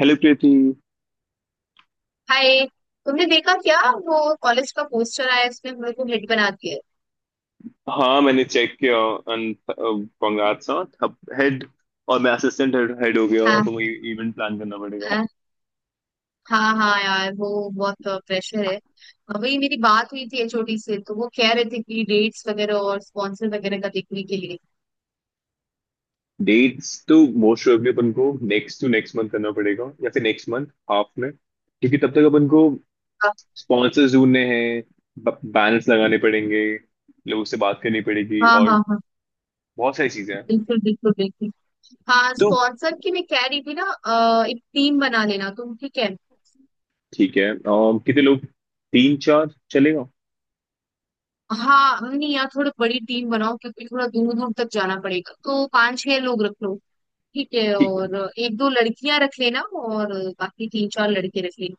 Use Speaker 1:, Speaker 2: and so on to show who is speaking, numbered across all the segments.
Speaker 1: Hello Preeti.
Speaker 2: Hi. तुमने देखा क्या वो कॉलेज का पोस्टर आया है, उसने मेरे को हिट बना दिया है।
Speaker 1: हाँ, मैंने चेक किया। And congrats. अब हेड और मैं असिस्टेंट हेड हेड हो गया हूँ,
Speaker 2: हाँ।
Speaker 1: अब मुझे इवेंट प्लान करना पड़ेगा।
Speaker 2: हाँ हाँ हाँ यार वो बहुत प्रेशर है। हाँ, वही मेरी बात हुई थी एचओडी से तो वो कह रहे थे कि डेट्स वगैरह और स्पॉन्सर वगैरह का देखने के लिए।
Speaker 1: डेट्स तो मोस्ट प्रोबेबली अपन को नेक्स्ट टू नेक्स्ट मंथ करना पड़ेगा या फिर नेक्स्ट मंथ हाफ में, क्योंकि तब तक अपन को
Speaker 2: हाँ
Speaker 1: स्पॉन्सर्स ढूंढने हैं, बैनर्स लगाने पड़ेंगे, लोगों से बात करनी पड़ेगी
Speaker 2: हाँ
Speaker 1: और
Speaker 2: हाँ हाँ,
Speaker 1: बहुत सारी चीजें हैं।
Speaker 2: बिल्कुल बिल्कुल बिल्कुल। हाँ
Speaker 1: तो
Speaker 2: स्पॉन्सर की मैं कह रही थी ना, एक टीम बना लेना तुम, ठीक है।
Speaker 1: ठीक है, कितने लोग? तीन चार चलेगा?
Speaker 2: हाँ नहीं यार थोड़ी बड़ी टीम बनाओ क्योंकि थोड़ा दूर दूर तक जाना पड़ेगा तो पांच छह लोग रख लो। ठीक है।
Speaker 1: ठीक है।
Speaker 2: और एक दो लड़कियां रख लेना और बाकी तीन चार लड़के रख लेना।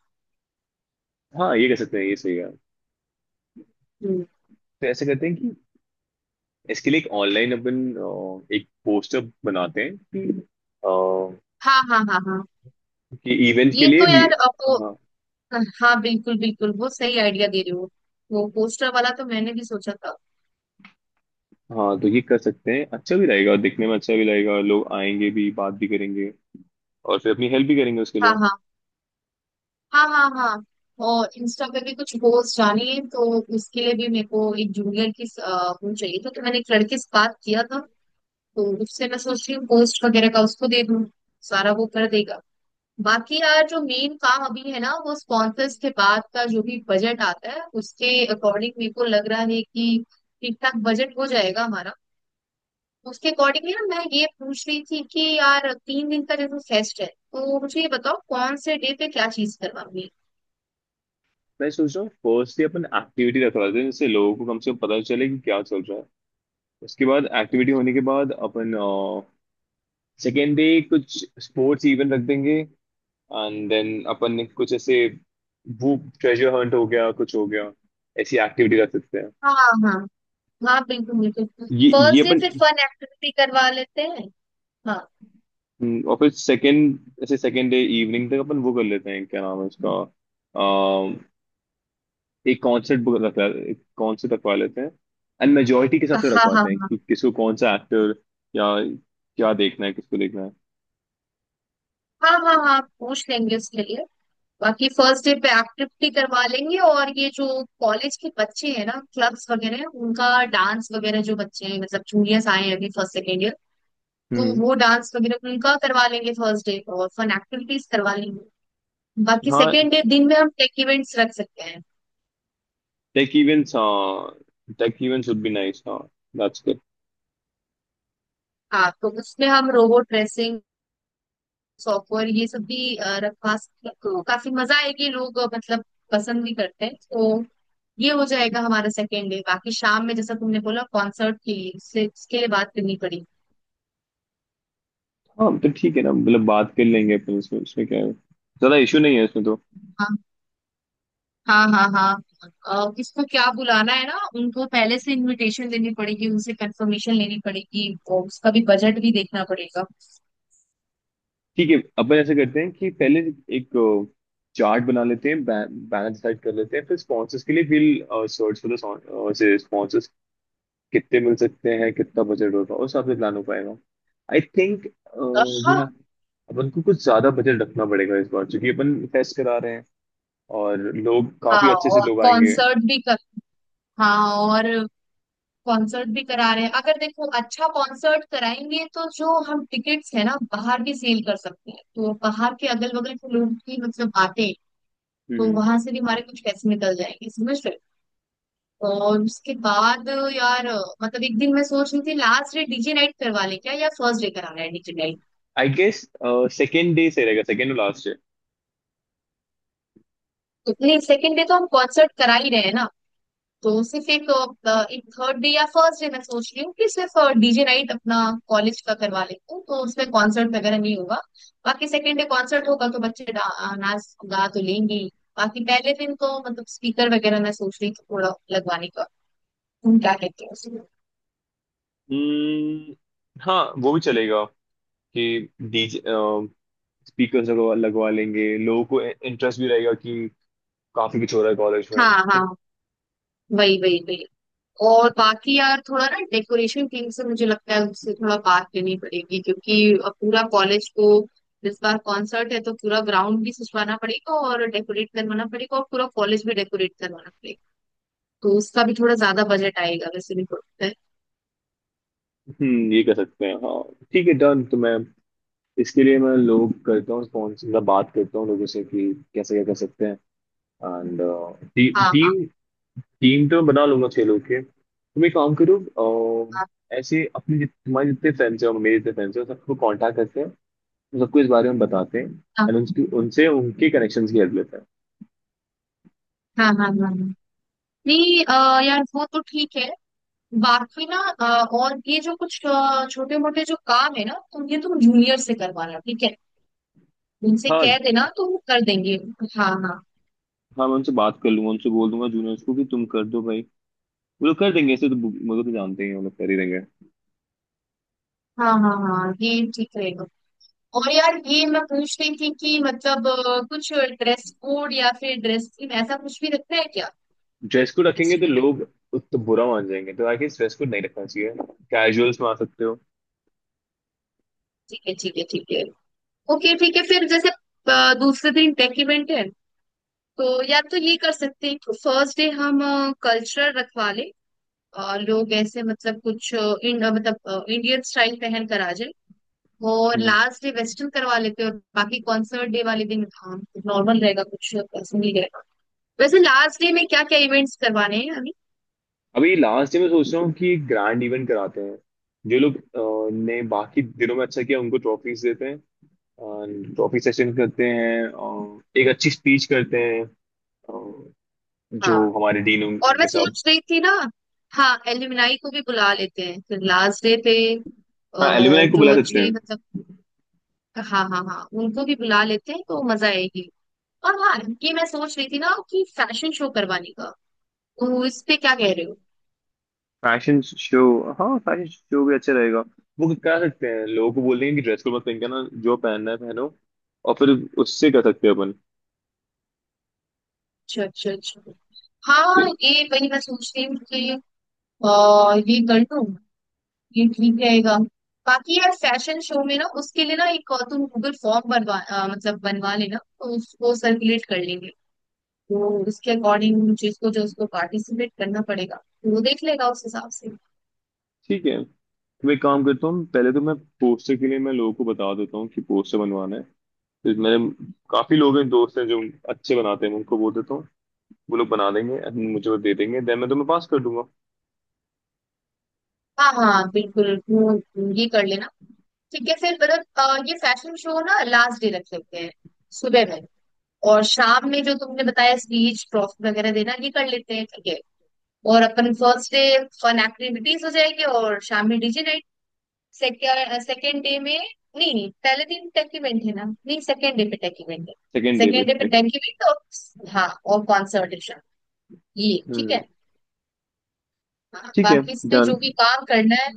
Speaker 1: हाँ, ये कह सकते हैं, ये सही है।
Speaker 2: हम्म।
Speaker 1: तो ऐसे करते हैं कि इसके लिए एक ऑनलाइन अपन एक पोस्टर बनाते हैं अ,
Speaker 2: हाँ हाँ हाँ हाँ
Speaker 1: कि इवेंट के
Speaker 2: ये
Speaker 1: लिए
Speaker 2: तो
Speaker 1: भी।
Speaker 2: यार अब वो।
Speaker 1: हाँ
Speaker 2: हाँ बिल्कुल बिल्कुल वो सही आइडिया दे रहे हो। वो पोस्टर वाला तो मैंने भी सोचा था।
Speaker 1: हाँ। तो ये कर सकते हैं, अच्छा भी रहेगा, दिखने में अच्छा भी लगेगा, लोग आएंगे भी, बात भी करेंगे और फिर अपनी हेल्प भी करेंगे उसके लिए।
Speaker 2: हाँ हाँ हाँ हाँ हाँ। और इंस्टा पे भी कुछ पोस्ट आनी है तो उसके लिए भी मेरे को एक जूनियर की वो चाहिए था तो मैंने एक लड़के से बात किया था। तो उससे मैं सोच रही हूँ पोस्ट वगैरह का उसको दे दूँ, सारा वो कर देगा। बाकी यार जो मेन काम अभी है ना वो स्पॉन्सर्स के बाद का जो भी बजट आता है उसके अकॉर्डिंग मेरे को लग रहा है कि ठीक ठाक बजट हो जाएगा हमारा। उसके अकॉर्डिंगली ना मैं ये पूछ रही थी कि यार तीन दिन का जैसे फेस्ट है तो मुझे ये बताओ कौन से डे पे क्या चीज करवानी है।
Speaker 1: मैं सोच रहा हूँ फर्स्ट ही अपन एक्टिविटी रखवाते हैं जिससे लोगों को कम से कम पता चले कि क्या चल रहा है। उसके बाद एक्टिविटी होने के बाद अपन सेकेंड डे कुछ स्पोर्ट्स इवेंट रख देंगे। एंड देन अपन ने कुछ ऐसे वो ट्रेजर हंट हो गया कुछ हो गया ऐसी एक्टिविटी कर सकते हैं।
Speaker 2: हाँ हाँ हाँ बिल्कुल बिल्कुल
Speaker 1: ये
Speaker 2: फर्स्ट डे
Speaker 1: अपन।
Speaker 2: फिर फन एक्टिविटी करवा लेते हैं। हाँ
Speaker 1: और फिर सेकेंड ऐसे सेकेंड डे इवनिंग तक अपन वो कर लेते हैं, क्या नाम है उसका, अम, एक कॉन्सर्ट बुक रखवा एक कॉन्सर्ट रखवा लेते हैं। एंड मेजोरिटी के हिसाब से
Speaker 2: हाँ हाँ
Speaker 1: रखवाते हैं
Speaker 2: हाँ।
Speaker 1: कि किसको कौन सा एक्टर या क्या देखना है, किसको देखना है।
Speaker 2: हाँ हाँ हाँ पूछ लेंगे उसके लिए। बाकी फर्स्ट डे पे एक्टिविटी करवा लेंगे और ये जो कॉलेज के बच्चे हैं ना, क्लब्स वगैरह उनका डांस वगैरह, जो बच्चे हैं मतलब जूनियर्स आए हैं अभी फर्स्ट सेकेंड ईयर, तो
Speaker 1: हम्म।
Speaker 2: वो डांस वगैरह उनका करवा लेंगे फर्स्ट डे, और फन एक्टिविटीज करवा लेंगे। बाकी
Speaker 1: हाँ,
Speaker 2: सेकेंड डे दिन में हम टेक इवेंट्स रख सकते हैं।
Speaker 1: टेक इवेंट्स, हाँ, tech events would be nice, हाँ, दैट्स।
Speaker 2: हाँ तो उसमें हम रोबोट रेसिंग, सॉफ्टवेयर ये सब भी रखवा सकते हैं तो काफी मजा आएगी। लोग मतलब पसंद भी करते हैं तो ये हो जाएगा हमारा सेकेंड डे। बाकी शाम में जैसा तुमने बोला कॉन्सर्ट के लिए उससे उसके लिए बात करनी पड़ेगी।
Speaker 1: हाँ, तो ठीक है ना, मतलब बात कर लेंगे अपन, इसमें इसमें क्या है, ज्यादा इशू नहीं है इसमें तो।
Speaker 2: हाँ हाँ हाँ हाँ। किसको क्या बुलाना है ना, उनको पहले से इनविटेशन देनी पड़ेगी, उनसे कंफर्मेशन लेनी पड़ेगी और उसका भी बजट भी देखना पड़ेगा।
Speaker 1: ठीक है, अपन ऐसे करते हैं कि पहले एक चार्ट बना लेते हैं, बैनर डिसाइड कर लेते हैं, फिर स्पॉन्सर्स के लिए will search for the sponsors. कितने मिल सकते हैं, कितना बजट होगा, उस हिसाब से प्लान हो पाएगा। आई थिंक वी
Speaker 2: हाँ।
Speaker 1: हैव, अपन को कुछ ज्यादा बजट रखना पड़ेगा इस बार क्योंकि अपन फेस्ट करा रहे हैं और लोग काफी
Speaker 2: हाँ
Speaker 1: अच्छे से
Speaker 2: और
Speaker 1: लोग आएंगे।
Speaker 2: कॉन्सर्ट भी कर, हाँ और कॉन्सर्ट भी करा रहे हैं अगर देखो। अच्छा कॉन्सर्ट कराएंगे तो जो हम टिकट्स है ना बाहर भी सेल कर सकते हैं, तो बाहर के अगल बगल के लोग भी मतलब आते हैं तो वहां से भी हमारे कुछ पैसे निकल जाएंगे, समझ रहे हो? और उसके बाद यार, मतलब एक दिन मैं सोच रही थी लास्ट डे डीजे नाइट करवा लें क्या, या फर्स्ट डे कराना है DJ night.
Speaker 1: I guess second day से रहेगा, सेकेंड और लास्ट।
Speaker 2: तो नहीं सेकंड डे तो हम कॉन्सर्ट करा ही रहे हैं ना, तो सिर्फ एक, एक थर्ड डे या फर्स्ट डे मैं सोच रही हूँ कि सिर्फ डीजे नाइट अपना कॉलेज का करवा लेती हूँ, तो उसमें कॉन्सर्ट वगैरह नहीं होगा। बाकी सेकेंड डे कॉन्सर्ट होगा तो बच्चे नाच गा तो लेंगे ही। बाकी पहले दिन तो मतलब स्पीकर वगैरह मैं सोच रही थी थोड़ा लगवाने का। तुम क्या कहते हो?
Speaker 1: हम्म, हाँ, वो भी चलेगा कि डीजे स्पीकर्स लगवा लगवा लेंगे, लोगों को इंटरेस्ट भी रहेगा कि काफी कुछ हो रहा है कॉलेज में।
Speaker 2: हाँ हाँ वही वही वही। और बाकी यार थोड़ा ना डेकोरेशन टीम से मुझे लगता है उससे थोड़ा बात करनी पड़ेगी, क्योंकि अब पूरा कॉलेज को, इस बार कॉन्सर्ट है तो पूरा ग्राउंड भी सजवाना पड़ेगा और डेकोरेट करवाना पड़ेगा और पूरा कॉलेज भी डेकोरेट करवाना पड़ेगा। तो उसका भी थोड़ा ज्यादा बजट आएगा वैसे भी थोड़ा।
Speaker 1: ये कर सकते हैं, हाँ। ठीक है, डन। तो मैं इसके लिए मैं लोग करता हूँ स्पॉन्सर, मतलब बात करता हूँ लोगों से कि कैसे क्या कर सकते हैं। एंड टी,
Speaker 2: हाँ
Speaker 1: टीम टीम तो मैं बना लूंगा छह लोग के, तुम एक काम करो।
Speaker 2: हाँ
Speaker 1: ऐसे अपने तुम्हारे जितने फ्रेंड्स हो मेरे जितने फ्रेंड्स हो सबको कांटेक्ट करते हैं, सबको इस बारे में बताते हैं।
Speaker 2: हाँ
Speaker 1: एंड उनकी उनसे उनके कनेक्शन की हेल्प लेते हैं।
Speaker 2: हाँ। हाँ हाँ हाँ। हाँ। नहीं यार वो तो ठीक है। बाकी ना और ये जो कुछ छोटे मोटे जो काम है ना तो ये तुम जूनियर से करवाना, ठीक है? उनसे
Speaker 1: हाँ
Speaker 2: कह देना तो वो कर देंगे। हाँ हाँ।
Speaker 1: हाँ, मैं उनसे बात कर लूंगा, उनसे बोल दूंगा जूनियर्स को कि तुम कर दो भाई। वो लोग कर देंगे, ऐसे तो वो लोग तो जानते ही हैं, वो लोग कर ही देंगे।
Speaker 2: हाँ हाँ हाँ ये ठीक रहेगा। और यार ये मैं पूछ रही थी कि मतलब कुछ ड्रेस कोड या फिर ड्रेस थीम ऐसा कुछ भी रखना है क्या?
Speaker 1: ड्रेस कोड रखेंगे तो
Speaker 2: फेस्टिवल।
Speaker 1: लोग तो बुरा मान जाएंगे, तो आई गेस ड्रेस कोड नहीं रखना चाहिए। कैजुअल्स में आ सकते हो।
Speaker 2: ठीक है ठीक है ठीक है। ओके ठीक है, फिर जैसे दूसरे दिन टेक इवेंट है तो या तो ये कर सकते हैं कि फर्स्ट डे हम कल्चरल रखवा लें, लोग ऐसे मतलब कुछ मतलब इंडियन स्टाइल पहन कर आ जाए। और
Speaker 1: हम्म।
Speaker 2: लास्ट डे वेस्टर्न करवा लेते हैं। और बाकी कॉन्सर्ट डे वाले दिन हाँ नॉर्मल रहेगा, कुछ ऐसा नहीं रहेगा। वैसे लास्ट डे में क्या क्या इवेंट्स करवाने हैं अभी?
Speaker 1: अभी लास्ट में सोच रहा हूँ कि एक ग्रैंड इवेंट कराते हैं। जो लोग ने बाकी दिनों में अच्छा किया उनको ट्रॉफीज देते हैं। ट्रॉफी सेशन करते हैं, एक अच्छी स्पीच करते हैं जो
Speaker 2: हाँ।
Speaker 1: हमारे डीन,
Speaker 2: और मैं
Speaker 1: उनके साथ।
Speaker 2: सोच रही थी ना, हाँ एलुमनाई को भी बुला लेते हैं फिर लास्ट डे पे अ,
Speaker 1: हाँ, एलुमनाई को
Speaker 2: जो
Speaker 1: बुला सकते
Speaker 2: अच्छे
Speaker 1: हैं।
Speaker 2: मतलब, हाँ हाँ हाँ उनको भी बुला लेते हैं तो मजा आएगी। और हाँ, ये मैं सोच रही थी ना कि फैशन शो करवाने का। तो इस पे क्या कह रहे हो?
Speaker 1: Fashion show? हाँ, फैशन शो भी अच्छा रहेगा। वो करा सकते हैं, लोगों को बोल देंगे कि ड्रेस कोड मत पहन के ना, जो पहनना है पहनो, और फिर उससे कर सकते हैं अपन।
Speaker 2: अच्छा अच्छा अच्छा। हाँ
Speaker 1: ठीक।
Speaker 2: ये वही मैं सोच रही हूँ कि ये कर लूँ, ये ठीक रहेगा। बाकी यार फैशन शो में ना, उसके लिए ना एक और तुम गूगल फॉर्म मतलब बनवा लेना तो उसको सर्कुलेट कर लेंगे। तो उसके अकॉर्डिंग जिसको जो उसको पार्टिसिपेट करना पड़ेगा तो वो देख लेगा उस हिसाब से।
Speaker 1: ठीक है, तो मैं एक काम करता हूँ, पहले तो मैं पोस्टर के लिए मैं लोगों को बता देता हूँ कि पोस्टर बनवाना है। तो मेरे काफी लोग हैं, दोस्त हैं जो अच्छे बनाते हैं, मैं उनको बोल देता हूँ, वो लोग बना देंगे and मुझे वो दे देंगे, देन मैं तुम्हें पास कर दूंगा।
Speaker 2: हाँ हाँ बिल्कुल वो ये कर लेना। ठीक है फिर मतलब ये फैशन शो ना लास्ट डे रख लेते हैं सुबह में, और शाम में जो तुमने बताया स्पीच ट्रॉफी वगैरह देना ये कर लेते हैं, ठीक है। और अपन फर्स्ट डे फन एक्टिविटीज हो जाएंगे और शाम में डीजे, सेकेंड सेकेंड डे में, नहीं नहीं पहले दिन तक इवेंट है ना, नहीं सेकेंड डे पे टेक इवेंट है।
Speaker 1: सेकेंड डे
Speaker 2: सेकेंड डे
Speaker 1: पे।
Speaker 2: पे टेक इवेंट और हाँ और कॉन्सर्टेशन, ये ठीक
Speaker 1: हम्म।
Speaker 2: है। हाँ,
Speaker 1: ठीक है,
Speaker 2: बाकी इस पे
Speaker 1: डन।
Speaker 2: जो भी काम करना है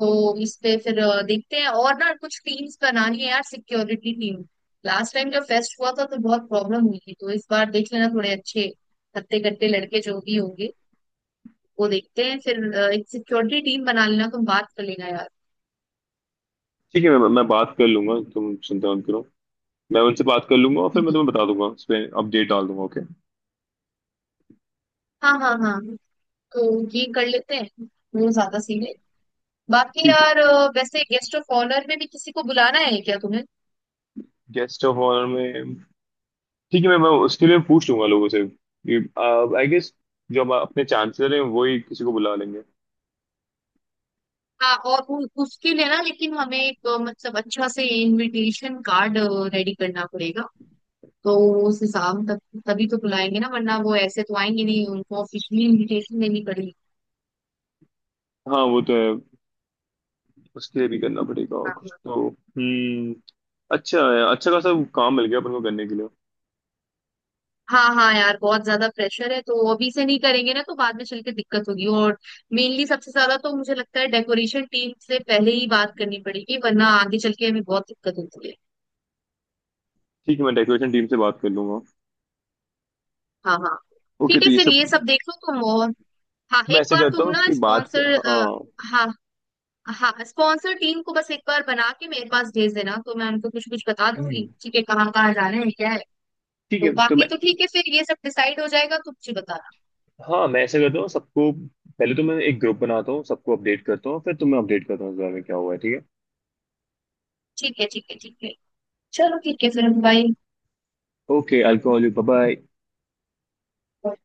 Speaker 2: तो इस पे फिर देखते हैं। और ना कुछ टीम्स बनानी है यार, सिक्योरिटी टीम, लास्ट टाइम जब फेस्ट हुआ था तो बहुत प्रॉब्लम हुई थी, तो इस बार देख लेना थोड़े अच्छे हत्ते कट्टे लड़के जो भी होंगे वो देखते हैं, फिर एक सिक्योरिटी टीम बना लेना, तुम बात कर लेना यार।
Speaker 1: ठीक है, मैं बात कर लूंगा, तुम चिंता मत करो। मैं उनसे बात कर लूंगा और फिर मैं तुम्हें
Speaker 2: हम्म।
Speaker 1: बता दूंगा, उस पर अपडेट डाल दूंगा। ओके।
Speaker 2: हाँ हाँ हाँ तो ये कर लेते हैं, वो ज्यादा सीन है। बाकी
Speaker 1: ठीक है।
Speaker 2: यार वैसे गेस्ट ऑफ ऑनर में भी किसी को बुलाना है क्या तुम्हें?
Speaker 1: गेस्ट ऑफ ऑनर में? ठीक है, मैं उसके लिए पूछ लूंगा लोगों से। आई गेस जो हम अपने चांसलर हैं वो ही किसी को बुला लेंगे।
Speaker 2: हाँ और उसके लिए ना, लेकिन हमें एक मतलब अच्छा से इनविटेशन कार्ड रेडी करना पड़ेगा, तो उस हिसाब तक तभी तो बुलाएंगे ना, वरना वो ऐसे तो आएंगे नहीं, उनको ऑफिशियली इनविटेशन देनी पड़ेगी।
Speaker 1: हाँ, वो तो है, उसके लिए भी करना पड़ेगा और कुछ तो। अच्छा है, अच्छा खासा काम मिल गया अपन को करने के लिए।
Speaker 2: हाँ हाँ यार बहुत ज्यादा प्रेशर है, तो अभी से नहीं करेंगे ना तो बाद में चल के दिक्कत होगी। और मेनली सबसे ज्यादा तो मुझे लगता है डेकोरेशन टीम से पहले ही बात करनी पड़ेगी, वरना आगे चल के हमें बहुत दिक्कत होती है।
Speaker 1: ठीक है, मैं डेकोरेशन टीम से बात कर लूंगा।
Speaker 2: हाँ हाँ।
Speaker 1: ओके,
Speaker 2: ठीक है
Speaker 1: तो ये
Speaker 2: फिर
Speaker 1: सब,
Speaker 2: ये सब देख लो तुम और, हाँ
Speaker 1: मैं
Speaker 2: एक
Speaker 1: ऐसे
Speaker 2: बार
Speaker 1: करता
Speaker 2: तुम
Speaker 1: हूँ
Speaker 2: ना
Speaker 1: कि बात,
Speaker 2: स्पॉन्सर,
Speaker 1: हाँ।
Speaker 2: हाँ हाँ स्पॉन्सर टीम को बस एक बार बना के मेरे पास भेज देना तो मैं उनको कुछ कुछ बता दूंगी, ठीक है, कहाँ कहाँ जाना है क्या है।
Speaker 1: ठीक
Speaker 2: तो
Speaker 1: है, तो
Speaker 2: बाकी
Speaker 1: मैं,
Speaker 2: तो ठीक है फिर ये सब डिसाइड हो जाएगा, तुम मुझे बताना।
Speaker 1: हाँ, मैं ऐसा करता हूँ, सबको पहले तो मैं एक ग्रुप बनाता हूँ, सबको अपडेट करता हूँ, फिर तुम्हें अपडेट करता हूँ इस बारे में क्या हुआ है, ठीक
Speaker 2: ठीक है ठीक है ठीक है। चलो ठीक है फिर बाय।
Speaker 1: है? Okay, alcohol, bye bye.